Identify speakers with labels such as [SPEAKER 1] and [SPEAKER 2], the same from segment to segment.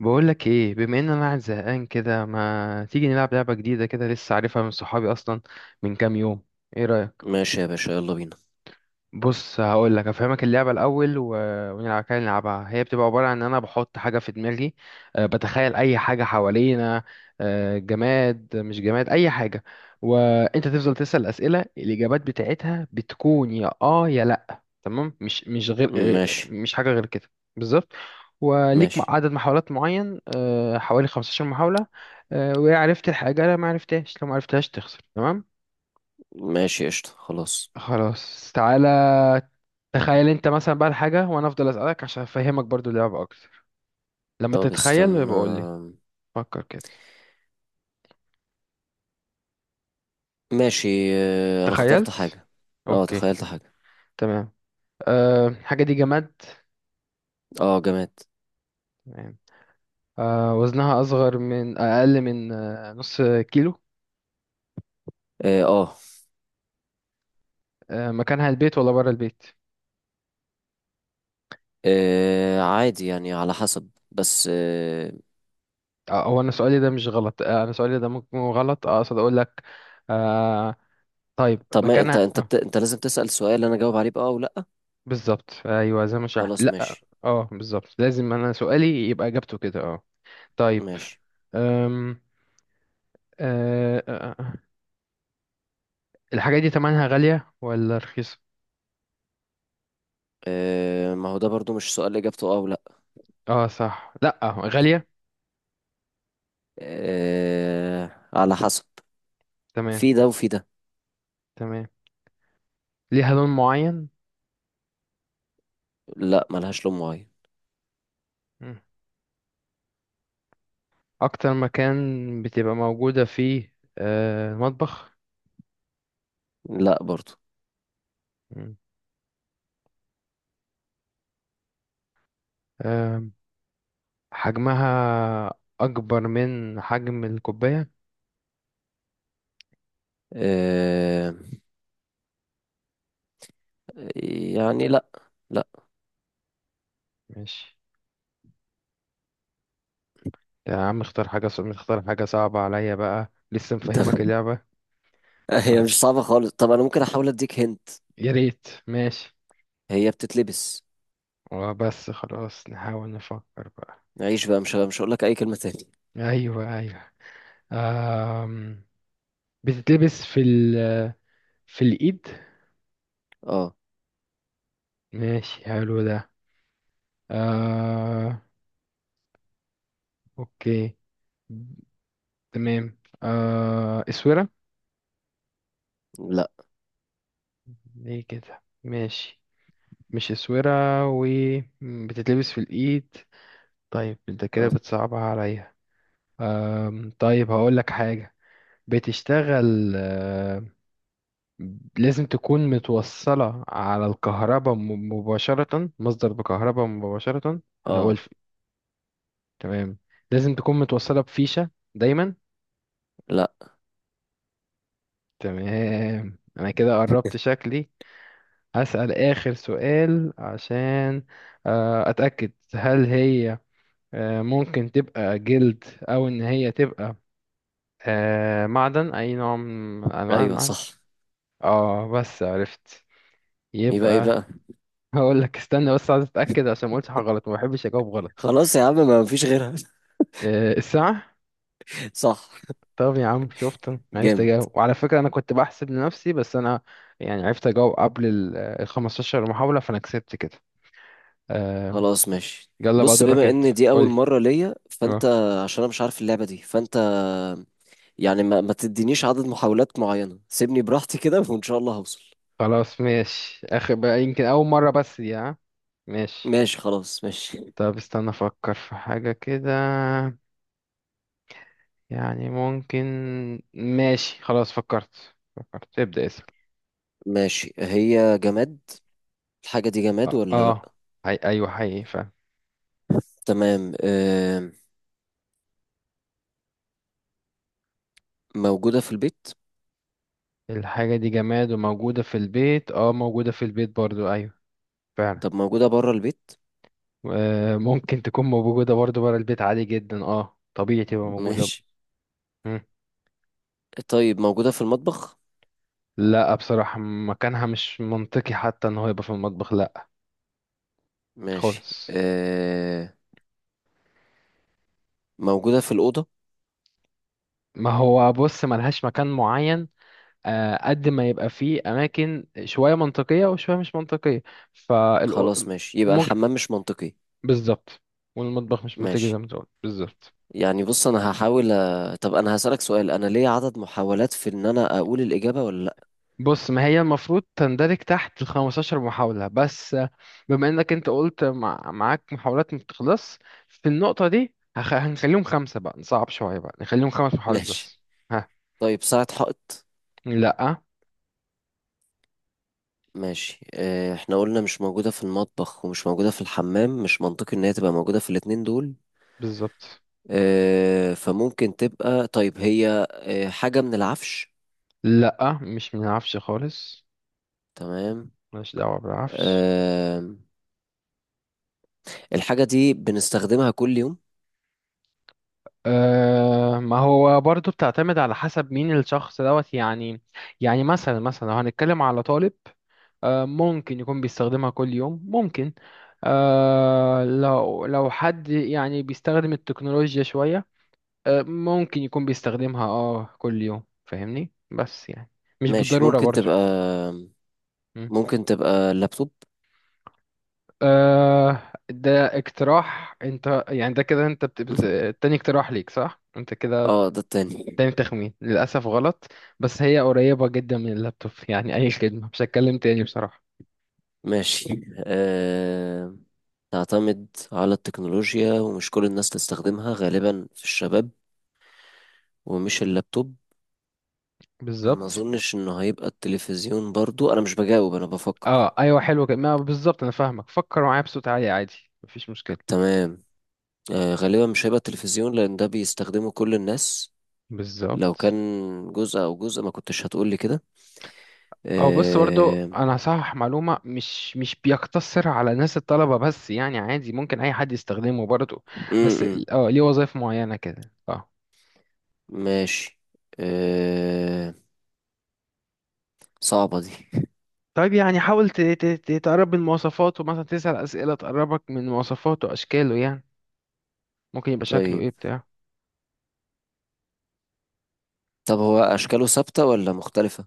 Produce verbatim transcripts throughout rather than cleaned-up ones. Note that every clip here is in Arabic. [SPEAKER 1] بقولك ايه؟ بما ان انا قاعد زهقان كده، ما تيجي نلعب لعبة جديدة كده؟ لسه عارفها من صحابي اصلا من كام يوم. ايه رأيك؟
[SPEAKER 2] ماشي يا باشا، يلا بينا.
[SPEAKER 1] بص هقول لك افهمك اللعبه الاول و... ونلعب كده. نلعبها هي بتبقى عباره عن ان انا بحط حاجه في دماغي. أه بتخيل اي حاجه حوالينا. أه جماد مش جماد اي حاجه. وانت تفضل تسال اسئله، الاجابات بتاعتها بتكون يا اه يا لا. تمام؟ مش مش غير آه،
[SPEAKER 2] ماشي.
[SPEAKER 1] مش حاجه غير كده. بالظبط. وليك
[SPEAKER 2] ماشي.
[SPEAKER 1] عدد محاولات معين، أه حوالي خمسة عشر محاوله. أه وعرفت الحاجه، لا ما عرفتهاش، لو ما عرفتهاش تخسر. تمام؟
[SPEAKER 2] ماشي. قشطة خلاص.
[SPEAKER 1] خلاص تعالى. تخيل انت مثلا بقى الحاجة، وانا افضل اسألك عشان افهمك برضو اللعبة اكتر. لما
[SPEAKER 2] طب
[SPEAKER 1] تتخيل
[SPEAKER 2] استنى.
[SPEAKER 1] يبقى قول لي. فكر كده.
[SPEAKER 2] ماشي. آه، انا اخترت
[SPEAKER 1] تخيلت؟
[SPEAKER 2] حاجة. اه،
[SPEAKER 1] اوكي.
[SPEAKER 2] تخيلت حاجة.
[SPEAKER 1] تمام. أه الحاجة دي جماد؟
[SPEAKER 2] اه، جماد.
[SPEAKER 1] تمام. أه وزنها اصغر من، اقل من أه نص كيلو؟
[SPEAKER 2] اه، آه.
[SPEAKER 1] أه مكانها البيت ولا بره البيت؟
[SPEAKER 2] آه، عادي يعني على حسب بس آه،
[SPEAKER 1] آه، هو انا سؤالي ده مش غلط، آه، انا سؤالي ده ممكن يكون غلط، آه، اقصد اقول لك. آه. طيب
[SPEAKER 2] طب ما انت
[SPEAKER 1] مكانها
[SPEAKER 2] انت
[SPEAKER 1] آه.
[SPEAKER 2] بت... انت لازم تسأل سؤال انا اجاوب عليه بأه او لا.
[SPEAKER 1] بالظبط، ايوه زي ما شرحت.
[SPEAKER 2] خلاص
[SPEAKER 1] لا
[SPEAKER 2] ماشي.
[SPEAKER 1] اه، بالظبط لازم انا سؤالي يبقى اجابته كده اه. طيب.
[SPEAKER 2] ماشي.
[SPEAKER 1] أم... أه آه، آه. الحاجة دي تمنها غالية ولا رخيصة؟
[SPEAKER 2] آه، ما هو ده برضو مش سؤال اجابته اه او لا.
[SPEAKER 1] اه صح، لأ غالية.
[SPEAKER 2] آه، على حسب.
[SPEAKER 1] تمام.
[SPEAKER 2] في ده وفي ده.
[SPEAKER 1] تمام. ليها لون معين؟
[SPEAKER 2] لا، ملهاش لون معين.
[SPEAKER 1] مم. أكتر مكان بتبقى موجودة فيه أه المطبخ؟
[SPEAKER 2] لا برضو.
[SPEAKER 1] مم. أه. حجمها أكبر من حجم الكوباية؟
[SPEAKER 2] آه، يعني لا. لا.
[SPEAKER 1] ماشي. يا عم اختار حاجة صعبة، اختار حاجة صعبة عليا بقى، لسه مفهمك
[SPEAKER 2] طب،
[SPEAKER 1] اللعبة.
[SPEAKER 2] هي
[SPEAKER 1] طيب،
[SPEAKER 2] مش صعبة خالص. طب أنا ممكن أحاول أديك هنت.
[SPEAKER 1] يا ريت، ماشي.
[SPEAKER 2] هي بتتلبس.
[SPEAKER 1] وبس خلاص نحاول نفكر بقى.
[SPEAKER 2] عيش بقى، مش مش هقول لك أي كلمة تاني.
[SPEAKER 1] أيوه أيوه. أم... بتتلبس في ال في الإيد.
[SPEAKER 2] اه.
[SPEAKER 1] ماشي حلو ده. آه. أوكي. تمام، آه اسورة؟
[SPEAKER 2] لا.
[SPEAKER 1] ليه كده؟ ماشي مش اسورة. و م، بتتلبس في الإيد. طيب انت كده
[SPEAKER 2] اه.
[SPEAKER 1] بتصعبها عليا. آه طيب هقول لك حاجة. بتشتغل آه، لازم تكون متوصلة على الكهرباء م- مباشرة، مصدر بكهرباء مباشرة، اللي هو
[SPEAKER 2] آه.
[SPEAKER 1] الف... تمام، لازم تكون متوصلة بفيشة دايما؟
[SPEAKER 2] لا.
[SPEAKER 1] تمام انا كده قربت شكلي. هسأل آخر سؤال عشان آه، أتأكد. هل هي آه، ممكن تبقى جلد او ان هي تبقى آه، معدن، اي نوع من انواع
[SPEAKER 2] أيوه
[SPEAKER 1] المعدن؟
[SPEAKER 2] صح.
[SPEAKER 1] اه بس عرفت.
[SPEAKER 2] يبقى إيه
[SPEAKER 1] يبقى
[SPEAKER 2] بقى؟
[SPEAKER 1] هقول لك. استنى بس، عايز اتاكد عشان ما اقولش حاجه غلط، ما بحبش اجاوب غلط.
[SPEAKER 2] خلاص يا عم، ما فيش غيرها.
[SPEAKER 1] آه، الساعه.
[SPEAKER 2] صح.
[SPEAKER 1] طب يا عم شفت، أنا عرفت
[SPEAKER 2] جامد.
[SPEAKER 1] اجاوب. وعلى فكره انا كنت بحسب لنفسي، بس انا يعني عرفت اجاوب قبل ال ال خمستاشر محاوله، فانا كسبت كده. آه.
[SPEAKER 2] خلاص ماشي.
[SPEAKER 1] يلا بقى
[SPEAKER 2] بص،
[SPEAKER 1] دورك
[SPEAKER 2] بما
[SPEAKER 1] انت.
[SPEAKER 2] إن دي أول
[SPEAKER 1] قولي.
[SPEAKER 2] مرة ليا فأنت...
[SPEAKER 1] اه.
[SPEAKER 2] عشان أنا مش عارف اللعبة دي فأنت... يعني ما, ما تدينيش عدد محاولات معينة، سيبني براحتي كده وإن شاء الله هوصل.
[SPEAKER 1] خلاص ماشي، اخر بقى يمكن اول مرة بس دي، ها ماشي.
[SPEAKER 2] ماشي خلاص ماشي.
[SPEAKER 1] طب استنى افكر في حاجة كده. يعني ممكن. ماشي خلاص فكرت فكرت، ابدأ اسأل.
[SPEAKER 2] ماشي، هي جماد؟ الحاجة دي جماد
[SPEAKER 1] اه
[SPEAKER 2] ولا لأ؟
[SPEAKER 1] اه. أي... ايوه حقيقي فعلا.
[SPEAKER 2] تمام، آه. موجودة في البيت؟
[SPEAKER 1] الحاجة دي جماد وموجودة في البيت، اه موجودة في البيت برضو، ايوه فعلا.
[SPEAKER 2] طب موجودة برا البيت؟
[SPEAKER 1] آه ممكن تكون موجودة برضو برا البيت عادي جدا، اه طبيعي تبقى موجودة.
[SPEAKER 2] ماشي.
[SPEAKER 1] مم.
[SPEAKER 2] طيب موجودة في المطبخ؟
[SPEAKER 1] لا بصراحة مكانها مش منطقي حتى ان هو يبقى في المطبخ، لا
[SPEAKER 2] ماشي،
[SPEAKER 1] خالص.
[SPEAKER 2] آه. موجودة في الأوضة؟
[SPEAKER 1] ما هو بص ملهاش مكان معين، آه، قد ما يبقى فيه أماكن شوية منطقية وشوية مش منطقية. فالأ...
[SPEAKER 2] خلاص ماشي، يبقى
[SPEAKER 1] ممكن.
[SPEAKER 2] الحمام مش منطقي.
[SPEAKER 1] بالظبط. والمطبخ مش منطقي
[SPEAKER 2] ماشي.
[SPEAKER 1] زي ما تقول، بالظبط.
[SPEAKER 2] يعني بص، أنا هحاول أ... طب أنا هسألك سؤال. أنا ليا عدد محاولات في إن أنا أقول الإجابة ولا لأ؟
[SPEAKER 1] بص ما هي المفروض تندرج تحت ال خمستاشر محاولة بس آه، بما إنك أنت قلت مع... معاك محاولات ما بتخلص، في النقطة دي هخ... هنخليهم خمسة بقى، نصعب شوية بقى نخليهم خمس محاولات
[SPEAKER 2] ماشي.
[SPEAKER 1] بس. ها؟
[SPEAKER 2] طيب، ساعة حائط؟
[SPEAKER 1] لأ.
[SPEAKER 2] ماشي، آه، احنا قلنا مش موجودة في المطبخ ومش موجودة في الحمام، مش منطقي ان هي تبقى موجودة في الاتنين دول.
[SPEAKER 1] بالظبط.
[SPEAKER 2] آه، فممكن تبقى. طيب هي آه، حاجة من العفش؟
[SPEAKER 1] لأ مش منعرفش خالص.
[SPEAKER 2] تمام.
[SPEAKER 1] ماليش دعوة بالعفش.
[SPEAKER 2] آه، الحاجة دي بنستخدمها كل يوم؟
[SPEAKER 1] أه ما هو برضو بتعتمد على حسب مين الشخص دوت يعني. يعني مثلا مثلا لو هنتكلم على طالب، أه ممكن يكون بيستخدمها كل يوم، ممكن. أه لو لو حد يعني بيستخدم التكنولوجيا شوية، أه ممكن يكون بيستخدمها اه كل يوم، فاهمني؟ بس يعني مش
[SPEAKER 2] ماشي،
[SPEAKER 1] بالضرورة
[SPEAKER 2] ممكن
[SPEAKER 1] برضو.
[SPEAKER 2] تبقى.
[SPEAKER 1] مم.
[SPEAKER 2] ممكن تبقى لابتوب؟
[SPEAKER 1] أه ده اقتراح انت يعني، ده كده انت بت... بت... تاني اقتراح ليك، صح؟ انت كده
[SPEAKER 2] اه، ده التاني.
[SPEAKER 1] تاني تخمين للأسف غلط. بس هي قريبة جدا من اللابتوب يعني، أي خدمة مش هتكلم تاني بصراحة.
[SPEAKER 2] ماشي. آه، تعتمد على التكنولوجيا ومش كل الناس تستخدمها، غالبا في الشباب. ومش اللابتوب. ما
[SPEAKER 1] بالظبط.
[SPEAKER 2] اظنش انه هيبقى التلفزيون برضو، انا مش بجاوب انا بفكر.
[SPEAKER 1] اه أيوة حلوة كده، ما بالظبط أنا فاهمك، فكر معايا بصوت عالي عادي، مفيش مشكلة.
[SPEAKER 2] تمام. آه، غالبا مش هيبقى التلفزيون لان ده بيستخدمه كل الناس. لو كان
[SPEAKER 1] بالظبط.
[SPEAKER 2] جزء او جزء ما كنتش هتقولي كده.
[SPEAKER 1] او بص برضو
[SPEAKER 2] آه...
[SPEAKER 1] انا هصحح معلومه، مش مش بيقتصر على ناس الطلبه بس يعني، عادي ممكن اي حد يستخدمه برضو،
[SPEAKER 2] م
[SPEAKER 1] بس
[SPEAKER 2] -م.
[SPEAKER 1] ال- اه ليه وظائف معينه كده اه.
[SPEAKER 2] ماشي. آه... صعبة دي.
[SPEAKER 1] طيب يعني حاول ت- ت- ت- تقرب من مواصفاته، مثلا تسأل اسئله تقربك من مواصفاته، اشكاله يعني، ممكن يبقى شكله
[SPEAKER 2] طيب.
[SPEAKER 1] ايه بتاع.
[SPEAKER 2] طب هو اشكاله ثابتة ولا مختلفة؟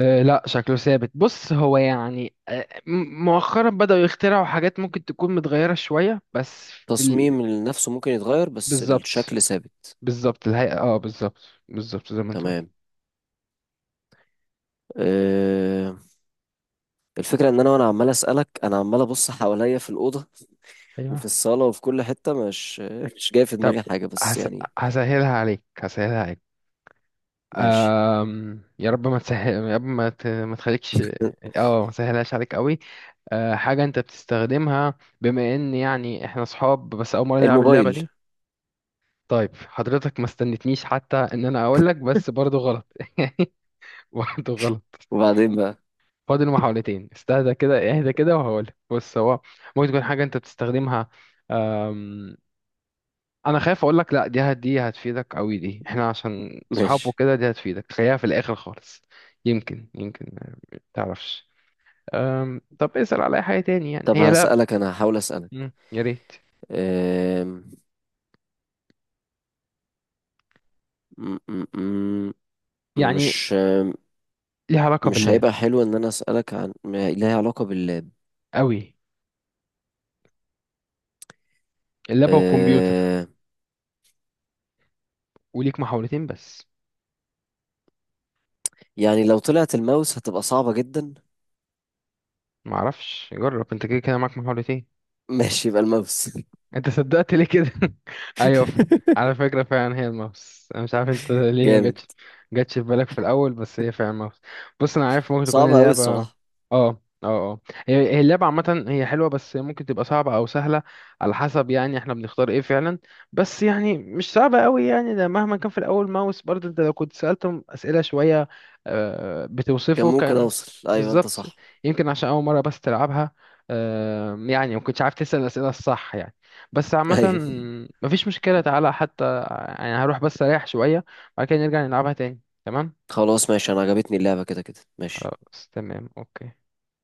[SPEAKER 1] أه لا شكله ثابت. بص هو يعني أه م- مؤخرا بدأوا يخترعوا حاجات ممكن تكون متغيرة شوية، بس في ال...
[SPEAKER 2] تصميم نفسه ممكن يتغير بس
[SPEAKER 1] بالظبط.
[SPEAKER 2] الشكل ثابت.
[SPEAKER 1] بالظبط الهيئة، اه بالظبط. بالظبط زي ما انت قلت.
[SPEAKER 2] تمام. آه... الفكرة ان انا وانا عمال اسألك، انا عمال ابص حواليا في الأوضة وفي
[SPEAKER 1] ايوه.
[SPEAKER 2] الصالة وفي كل حتة، مش مش جاي في
[SPEAKER 1] طب
[SPEAKER 2] دماغي حاجة بس
[SPEAKER 1] هس...
[SPEAKER 2] يعني.
[SPEAKER 1] هسهلها عليك هسهلها عليك
[SPEAKER 2] ماشي.
[SPEAKER 1] أم... يا رب ما تسهل، يا رب ما, ت... ما تخليكش. اه ما سهلهاش عليك قوي. أه حاجة انت بتستخدمها، بما ان يعني احنا صحاب بس اول مرة نلعب اللعبة
[SPEAKER 2] الموبايل.
[SPEAKER 1] دي. طيب حضرتك ما استنتنيش حتى ان انا اقول لك، بس برضو غلط. واحد غلط.
[SPEAKER 2] وبعدين بقى؟
[SPEAKER 1] فاضل محاولتين. استهدى كده، اهدى كده، وهقولك. بص هو ممكن تكون حاجة انت بتستخدمها. أم، انا خايف اقولك، لا دي هت دي هتفيدك قوي، دي احنا عشان صحاب
[SPEAKER 2] ماشي.
[SPEAKER 1] وكده دي هتفيدك، خليها في الاخر خالص. يمكن يمكن ما تعرفش. أم، طب اسأل على اي حاجة تاني يعني،
[SPEAKER 2] طب
[SPEAKER 1] هي لا.
[SPEAKER 2] هسألك، انا هحاول اسألك.
[SPEAKER 1] مم، يا ريت.
[SPEAKER 2] أم، م- م- م-
[SPEAKER 1] يعني
[SPEAKER 2] مش
[SPEAKER 1] ليها علاقة
[SPEAKER 2] مش
[SPEAKER 1] باللاب
[SPEAKER 2] هيبقى حلو ان انا اسالك عن ما لها علاقه باللاب؟
[SPEAKER 1] قوي؟ اللاب والكمبيوتر.
[SPEAKER 2] أه،
[SPEAKER 1] وليك محاولتين بس.
[SPEAKER 2] يعني لو طلعت الماوس هتبقى صعبه جدا.
[SPEAKER 1] معرفش جرب انت، كده كده معاك محاولتين.
[SPEAKER 2] ماشي، يبقى الماوس.
[SPEAKER 1] انت صدقت ليه كده؟ ايوه ف... على فكره فعلا هي الماوس، انا مش عارف انت ليه ما
[SPEAKER 2] جامد.
[SPEAKER 1] جاتش جاتش في بالك في الاول، بس هي فعلا الماوس. بص انا عارف ممكن تكون
[SPEAKER 2] صعبه قوي
[SPEAKER 1] اللعبه اه
[SPEAKER 2] الصراحه.
[SPEAKER 1] اه اه، هي هي اللعبه عامه هي حلوه، بس ممكن تبقى صعبه او سهله على حسب يعني احنا بنختار ايه فعلا. بس يعني مش صعبه قوي يعني، ده مهما كان في الاول ماوس برضه، انت لو كنت سالتهم اسئله شويه آه،
[SPEAKER 2] كان
[SPEAKER 1] بتوصفه
[SPEAKER 2] ممكن
[SPEAKER 1] كان
[SPEAKER 2] اوصل، ايوه انت
[SPEAKER 1] بالظبط.
[SPEAKER 2] صح.
[SPEAKER 1] يمكن عشان اول مره بس تلعبها، آه، يعني ما كنتش عارف تسال الاسئله الصح يعني. بس عامة
[SPEAKER 2] ايوه.
[SPEAKER 1] مفيش مشكلة تعالى، حتى يعني هروح بس أريح شوية بعد كده نرجع نلعبها تاني. تمام؟
[SPEAKER 2] خلاص ماشي، انا عجبتني اللعبه كده كده. ماشي.
[SPEAKER 1] خلاص تمام. أوكي.